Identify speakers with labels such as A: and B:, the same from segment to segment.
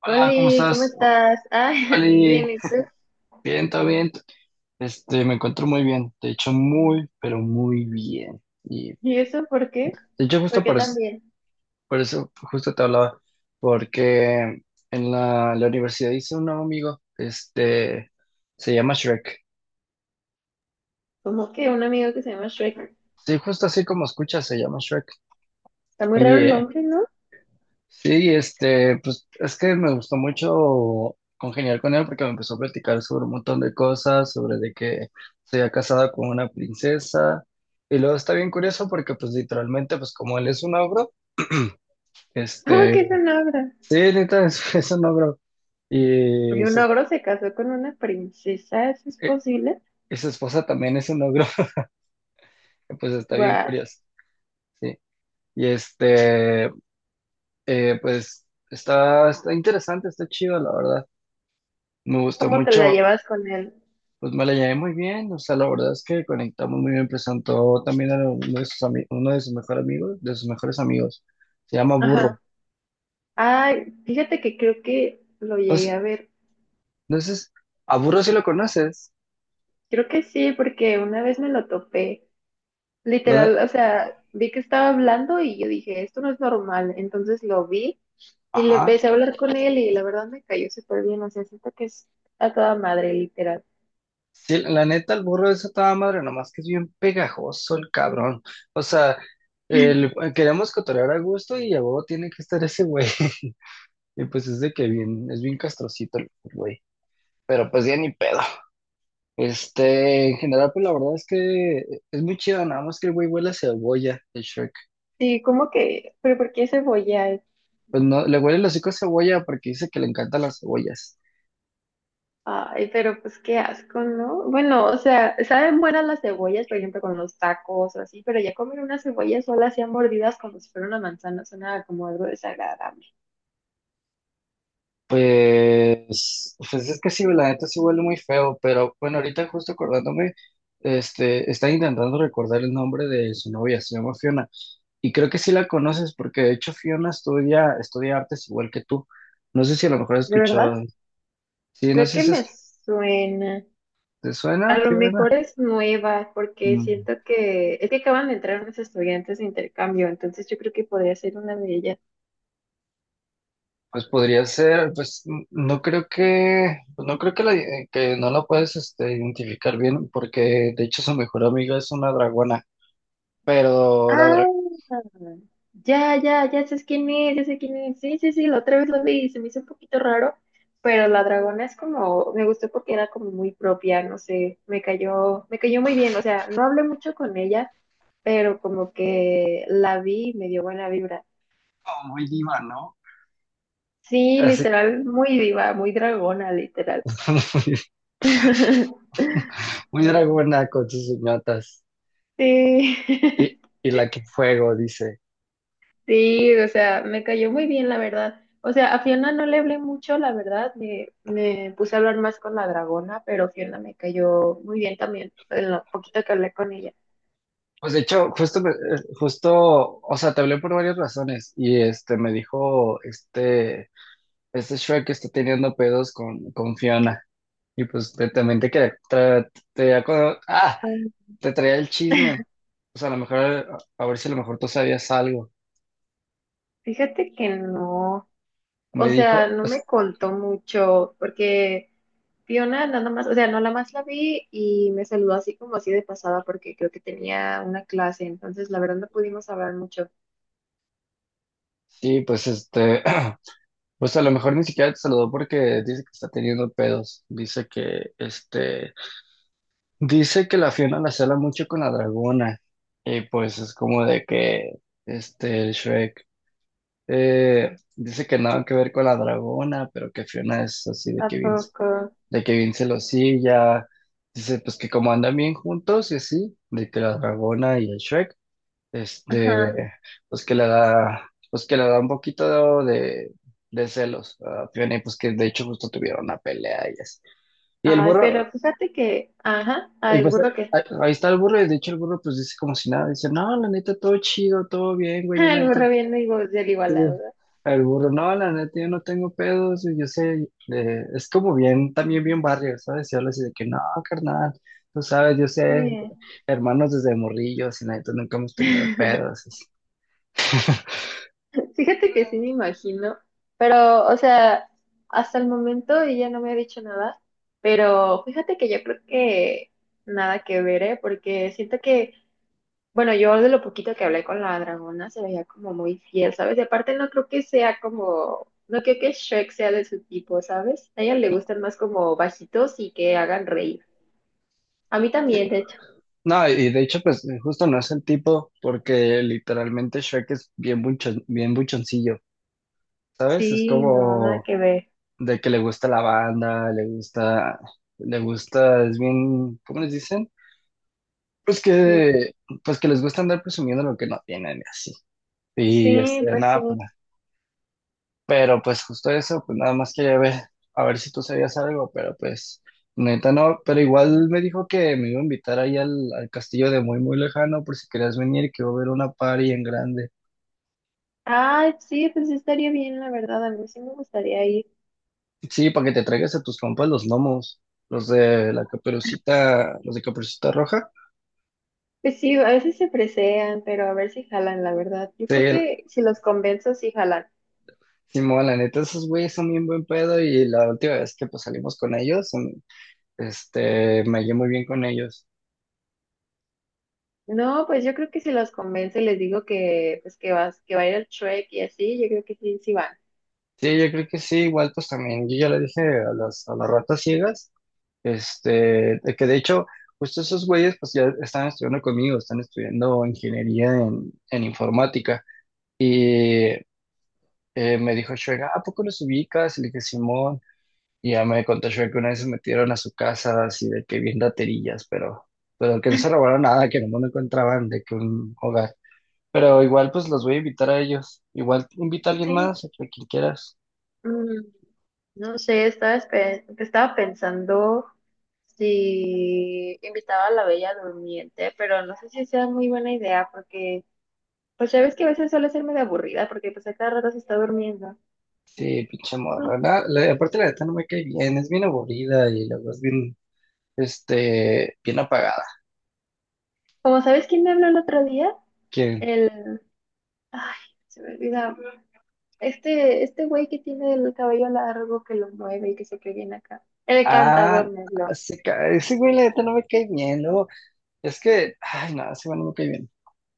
A: Hola, ¿cómo
B: Oli, ¿cómo
A: estás?
B: estás? Ah,
A: Oli,
B: bien, ¿y tú?
A: bien, todo bien. Este, me encuentro muy bien. De hecho, muy, pero muy bien. Y
B: ¿Y eso por qué?
A: de hecho,
B: ¿Por
A: justo
B: qué también?
A: por eso justo te hablaba, porque en la universidad hice un nuevo amigo. Este, se llama Shrek.
B: Como que un amigo que se llama Shrek.
A: Sí, justo así como escuchas, se llama Shrek.
B: Está muy
A: Y
B: raro el nombre, ¿no?
A: sí, este, pues es que me gustó mucho congeniar con él porque me empezó a platicar sobre un montón de cosas, sobre de que se había casado con una princesa. Y luego está bien curioso porque pues literalmente pues como él es un ogro,
B: ¿Cómo
A: este,
B: que es un ogro?
A: sí, neta es un ogro
B: Y
A: y
B: un
A: su,
B: ogro se casó con una princesa, ¿eso es
A: eh,
B: posible?
A: y su esposa también es un ogro, pues está bien
B: Guau,
A: curioso, sí. Y este, pues está interesante, está chido, la verdad. Me gustó
B: ¿cómo te la
A: mucho.
B: llevas con él?
A: Pues me la llevé muy bien, o sea, la verdad es que conectamos muy bien. Presentó también a uno de sus mejores amigos. Se llama Burro.
B: Ajá. Ay, fíjate que creo que lo llegué
A: Entonces,
B: a ver.
A: entonces, a Burro sí lo conoces.
B: Creo que sí, porque una vez me lo topé.
A: ¿Dónde?
B: Literal, o sea, vi que estaba hablando y yo dije, esto no es normal. Entonces lo vi. Y le
A: Ajá.
B: empecé a hablar con él y la verdad me cayó súper bien, o sea, siento que es a toda madre, literal.
A: Sí, la neta, el burro es a toda madre, nomás que es bien pegajoso el cabrón. O sea, queremos cotorrear a gusto y a huevo tiene que estar ese güey. Y pues es bien castrocito el güey. Pero pues ya ni pedo. Este, en general, pues la verdad es que es muy chido, nada más que el güey huele a cebolla, el Shrek.
B: Sí, como que, pero ¿por qué cebolla?
A: Pues no, le huele el hocico a cebolla porque dice que le encantan las cebollas.
B: Ay, pero pues qué asco, ¿no? Bueno, o sea, saben buenas las cebollas, por ejemplo, con los tacos o así, pero ya comer una cebolla sola así a mordidas como si fuera una manzana suena como algo desagradable.
A: Pues es que sí, la neta sí huele muy feo, pero bueno, ahorita justo acordándome, este, está intentando recordar el nombre de su novia, se llama Fiona. Y creo que sí la conoces porque de hecho Fiona estudia artes igual que tú. No sé si a lo mejor has
B: ¿De verdad?
A: escuchado. Sí, no
B: Creo
A: sé
B: que
A: si
B: me suena.
A: te
B: A
A: suena,
B: lo
A: Fiona.
B: mejor es nueva, porque
A: Mm.
B: siento que es que acaban de entrar unos estudiantes de intercambio, entonces yo creo que podría ser una de ellas.
A: Pues podría ser, pues no creo que, que no la puedes, este, identificar bien, porque de hecho su mejor amiga es una dragona, pero la dragona
B: Ah, ya, ya, ya sé quién es, ya sé quién es. Sí, sí, sí, la otra vez lo vi y se me hizo un poquito raro, pero la dragona es como, me gustó porque era como muy propia, no sé, me cayó muy bien, o sea, no hablé mucho con ella, pero como que la vi y me dio buena vibra.
A: muy diva, ¿no?
B: Sí,
A: Así,
B: literal, muy diva, muy dragona, literal.
A: muy, muy dragona con sus uñotas
B: Sí.
A: y, y la que fuego, dice.
B: Sí, o sea, me cayó muy bien, la verdad. O sea, a Fiona no le hablé mucho, la verdad. Me puse a hablar más con la dragona, pero Fiona me cayó muy bien también, en lo poquito que hablé con ella.
A: Pues de hecho, justo, justo, o sea, te hablé por varias razones y este me dijo, este Shrek está teniendo pedos con Fiona y pues también te quería. ¡Ah!
B: Ay,
A: Te traía el chisme. O sea, a lo mejor, a ver si a lo mejor tú sabías algo.
B: fíjate que no, o
A: Me
B: sea,
A: dijo,
B: no me contó mucho, porque Fiona nada más, o sea, no la más la vi y me saludó así como así de pasada, porque creo que tenía una clase, entonces la verdad no pudimos hablar mucho.
A: sí, pues este, pues a lo mejor ni siquiera te saludó porque dice que está teniendo pedos. Dice que la Fiona la cela mucho con la dragona. Y pues es como de que, este, el Shrek, dice que nada que ver con la dragona, pero que Fiona es así de
B: ¿A
A: que Vince,
B: poco?
A: de que Vince celosilla. Dice, pues que como andan bien juntos y así, de que la dragona y el Shrek.
B: Ajá.
A: Este, pues que le da un poquito de celos a Fiona y pues que de hecho justo tuvieron una pelea ellas. Y el
B: Ay,
A: burro,
B: pero fíjate que, ajá,
A: y
B: ay, el
A: pues
B: burro que
A: ahí está el burro y de hecho el burro pues dice como si nada, dice, no, la neta, todo chido, todo bien, güey, la
B: el
A: neta.
B: burro viendo y voz del igualado,
A: Sí.
B: ¿no?
A: El burro, no, la neta, yo no tengo pedos, y yo sé, es como bien, también bien barrio, ¿sabes? Y habla así de que, no, carnal, tú sabes, yo sé,
B: Sí.
A: hermanos desde morrillos, y la neta, nunca hemos tenido pedos. Así.
B: Fíjate que sí me imagino, pero, o sea, hasta el momento ella no me ha dicho nada, pero fíjate que yo creo que nada que ver, ¿eh? Porque siento que, bueno, yo de lo poquito que hablé con la dragona se veía como muy fiel, ¿sabes? Y aparte no creo que sea como, no creo que Shrek sea de su tipo, ¿sabes? A ella le gustan más como bajitos y que hagan reír. A mí también, de hecho.
A: No, y de hecho, pues justo no es el tipo, porque literalmente Shrek es bien buchoncillo, ¿sabes? Es
B: Sí, no, nada
A: como
B: que ver.
A: de que le gusta la banda, le gusta, es bien, ¿cómo les dicen? Pues que, pues que les gusta andar presumiendo lo que no tienen y así. Y
B: Sí,
A: este,
B: pues sí.
A: nada, pero pues justo eso, pues nada más quería ver, a ver si tú sabías algo, pero pues neta no, pero igual me dijo que me iba a invitar ahí al castillo de muy muy lejano por si querías venir, que iba a haber una party en grande.
B: Ah, sí, pues sí estaría bien, la verdad. A mí sí me gustaría ir.
A: Sí, para que te traigas a tus compas los gnomos, los de la caperucita, los de Caperucita Roja.
B: Pues sí, a veces se presean, pero a ver si jalan, la verdad. Yo
A: Sí,
B: creo que si los convenzo, sí jalan.
A: Simón, la neta, esos güeyes son bien buen pedo y la última vez que pues salimos con ellos, este, me hallé muy bien con ellos.
B: No, pues yo creo que si los convenzo y les digo que, pues que vas, que va a ir al Trek y así, yo creo que sí, sí van.
A: Sí, yo creo que sí, igual pues también, yo ya le dije a las ratas ciegas. Este, de que de hecho, justo esos güeyes pues ya están estudiando conmigo, están estudiando ingeniería en informática. Y me dijo Shrek: "Ah, ¿a poco los ubicas?" Y le dije, Simón. Y ya me contó Shrek que una vez se metieron a su casa así de que bien raterillas, pero que no se robaron nada, que no encontraban de que un hogar. Pero igual pues los voy a invitar a ellos. Igual invita a alguien
B: Sí.
A: más, a quien quieras.
B: Mm, no sé, estaba, estaba pensando si invitaba a la Bella Durmiente, pero no sé si sea muy buena idea porque pues ya ves que a veces suele ser medio aburrida porque pues a cada rato se está durmiendo.
A: Sí, pinche morra. Aparte la neta no me cae bien, es bien aburrida y luego es bien apagada.
B: Como sabes quién me habló el otro día,
A: ¿Quién?
B: el... Ay, se me olvida. Este güey que tiene el cabello largo que lo mueve y que se cree bien acá. El
A: Ah,
B: cantador me habló.
A: ese güey, la neta no me cae bien. Luego, es que, ay, no, ese güey no me cae bien.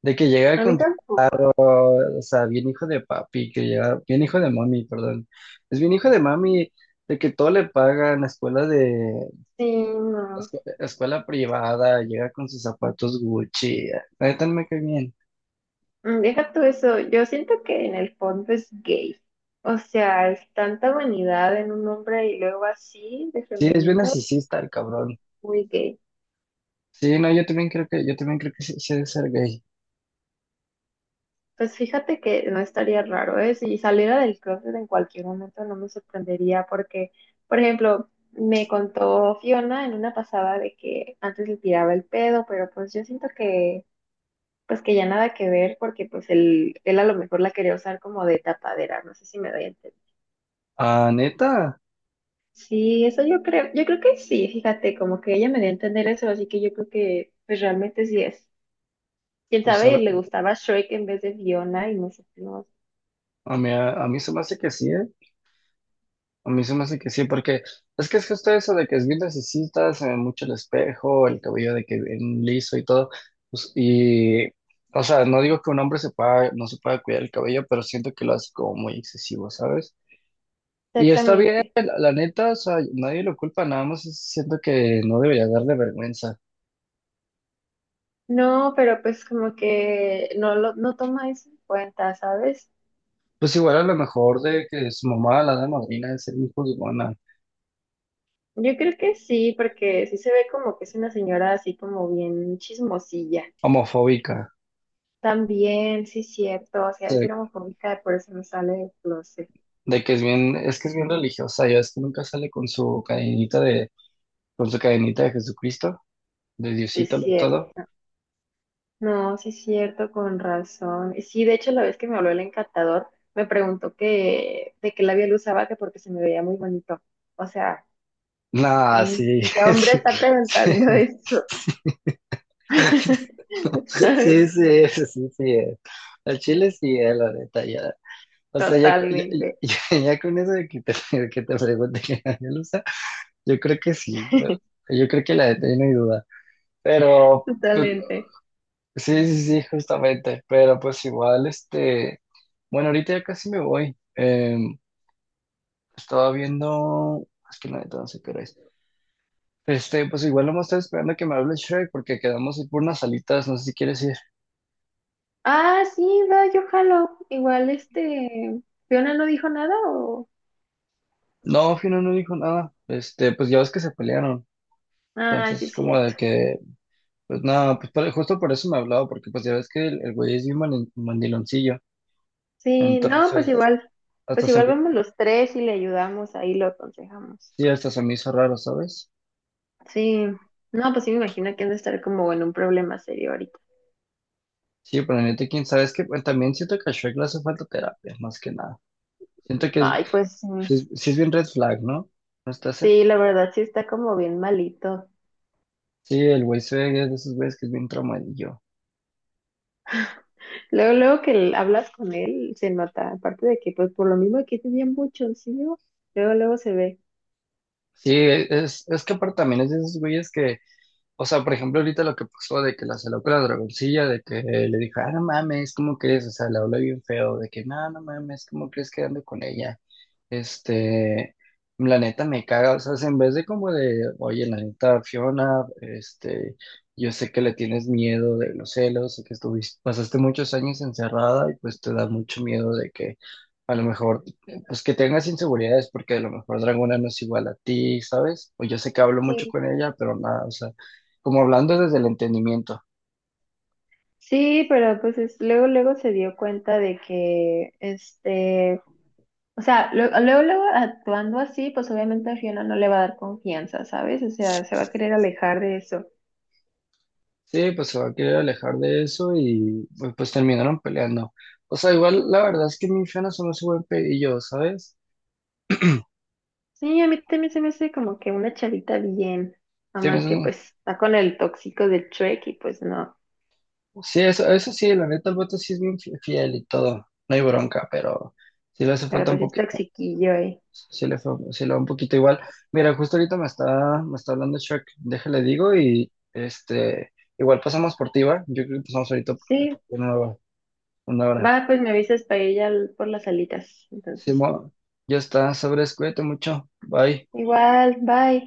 A: De que llega
B: A mí
A: con,
B: tampoco.
A: o sea, bien hijo de papi, que llega, bien hijo de mami, perdón. Es bien hijo de mami, de que todo le pagan,
B: Sí, no.
A: escuela privada, llega con sus zapatos Gucci. Ah, la neta no me cae bien.
B: Mm, deja tú eso. Yo siento que en el fondo es gay. O sea, es tanta vanidad en un hombre y luego así de
A: Sí, es bien
B: femenino,
A: narcisista el cabrón.
B: muy gay.
A: Sí, no, yo también creo que sí, sí ha de ser gay.
B: Pues fíjate que no estaría raro, ¿eh? Si saliera del closet en cualquier momento no me sorprendería porque, por ejemplo, me contó Fiona en una pasada de que antes le tiraba el pedo, pero pues yo siento que, pues que ya nada que ver porque pues él a lo mejor la quería usar como de tapadera, no sé si me doy a entender.
A: Ah, neta,
B: Sí, eso yo creo que sí, fíjate, como que ella me dio a entender eso, así que yo creo que pues realmente sí es. Quién
A: pues
B: sabe,
A: a
B: le gustaba Shrek en vez de Fiona y no sé, no,
A: a mí se me hace que sí, ¿eh? A mí se me hace que sí, porque es que es justo eso de que es bien necesita, se ve mucho el espejo, el cabello de que bien liso y todo. Pues, y, o sea, no digo que un hombre se pueda, no se pueda cuidar el cabello, pero siento que lo hace como muy excesivo, ¿sabes? Y está bien,
B: exactamente.
A: la neta, o sea, nadie lo culpa, nada más siento que no debería darle vergüenza.
B: No, pero pues como que no lo no toma eso en cuenta, ¿sabes?
A: Pues igual a lo mejor de que su mamá, la de madrina, de ser muy juzgona,
B: Yo creo que sí, porque sí se ve como que es una señora así como bien chismosilla.
A: homofóbica.
B: También, sí cierto, o sea, es homofóbica, por eso no sale del closet.
A: De que es bien, es que es bien religiosa, ya es que nunca sale con su cadenita de Jesucristo, de
B: Sí
A: Diosito lo
B: cierto.
A: todo.
B: No, sí es cierto, con razón. Y sí, de hecho, la vez que me habló el encantador, me preguntó que de qué labial usaba, que porque se me veía muy bonito. O sea,
A: Nah,
B: ¿quién,
A: sí,
B: qué hombre
A: sí,
B: está
A: sí,
B: preguntando eso? ¿Sabes?
A: sí, sí, es, sí, sí, es. El chile sí es, la neta, ya. O sea, ya, co- ya,
B: Totalmente,
A: ya- ya con eso de que te pregunte que nadie lo usa, yo creo que sí, yo creo que la neta ya no hay duda. Pero pues,
B: totalmente.
A: sí, sí, sí, justamente, pero pues igual, este, bueno, ahorita ya casi me voy. Estaba viendo, es que la neta no sé qué hora es. Este, pues igual no me estoy esperando que me hable Shrek porque quedamos ir por unas salitas, no sé si quieres ir.
B: Ah, sí, va, yo jalo. Igual este, Fiona no dijo nada o...
A: No, Fino no dijo nada. Este, pues ya ves que se pelearon.
B: Ah, sí,
A: Entonces,
B: es
A: como
B: cierto.
A: de que, pues nada, pues justo por eso me hablaba, porque pues ya ves que el güey es bien mandiloncillo.
B: Sí, no,
A: Entonces,
B: pues
A: hasta se
B: igual
A: me,
B: vamos los tres y le ayudamos, ahí lo aconsejamos.
A: sí, hasta se me hizo raro, ¿sabes?
B: Sí, no, pues sí me imagino que han de estar como en un problema serio ahorita.
A: Sí, pero neta, quién sabe, es que pues, también siento que a Shrek le hace falta terapia, más que nada. Siento que es,
B: Ay, pues sí,
A: sí es, sí es bien red flag, ¿no? ¿No está ese?
B: sí, la verdad sí está como bien malito.
A: Sí, el güey se ve que es de esos güeyes que es bien traumadillo.
B: Luego, luego que hablas con él, se nota, aparte de que pues por lo mismo que es bien buchoncillo, luego, luego se ve.
A: Sí, es que aparte también es de esos güeyes que. O sea, por ejemplo, ahorita lo que pasó de que la saló con la dragoncilla, de que le dijo, ah, no mames, ¿cómo crees? O sea, le habló bien feo, de que, no, no mames, ¿cómo crees que ando con ella? Este, la neta me caga, o sea, si en vez de como oye, la neta, Fiona, este, yo sé que le tienes miedo de los celos, sé que estuviste, pasaste muchos años encerrada y pues te da mucho miedo de que a lo mejor, pues que tengas inseguridades porque a lo mejor Dragona no es igual a ti, ¿sabes?, o yo sé que hablo mucho
B: Sí.
A: con ella, pero nada, o sea, como hablando desde el entendimiento.
B: Sí, pero pues es- luego, luego se dio cuenta de que, este, o sea, luego, luego actuando así, pues obviamente a Fiona no le va a dar confianza, ¿sabes? O sea, se va a querer alejar de eso.
A: Sí, pues se va a querer alejar de eso y pues, terminaron peleando. O sea, igual la verdad es que mi infierno no es buen pedillo, ¿sabes?
B: Sí, a mí también se me hace como que una chavita bien, nada
A: Sí,
B: más que pues está con el tóxico de Trek y pues no,
A: sí, eso sí, la neta el voto sí es bien fiel y todo, no hay bronca, pero sí le hace
B: pero
A: falta un
B: pues es
A: poquito,
B: toxiquillo, ¿eh?
A: sí le va un poquito igual. Mira, justo ahorita me está hablando Shrek, déjale digo y este, igual pasamos por ti, ¿va? Yo creo que pasamos ahorita por
B: Sí,
A: por una hora.
B: va, pues me avisas para ir ya por las alitas, entonces.
A: Simón, ya está, sobres, cuídate mucho. Bye.
B: Igual, bye.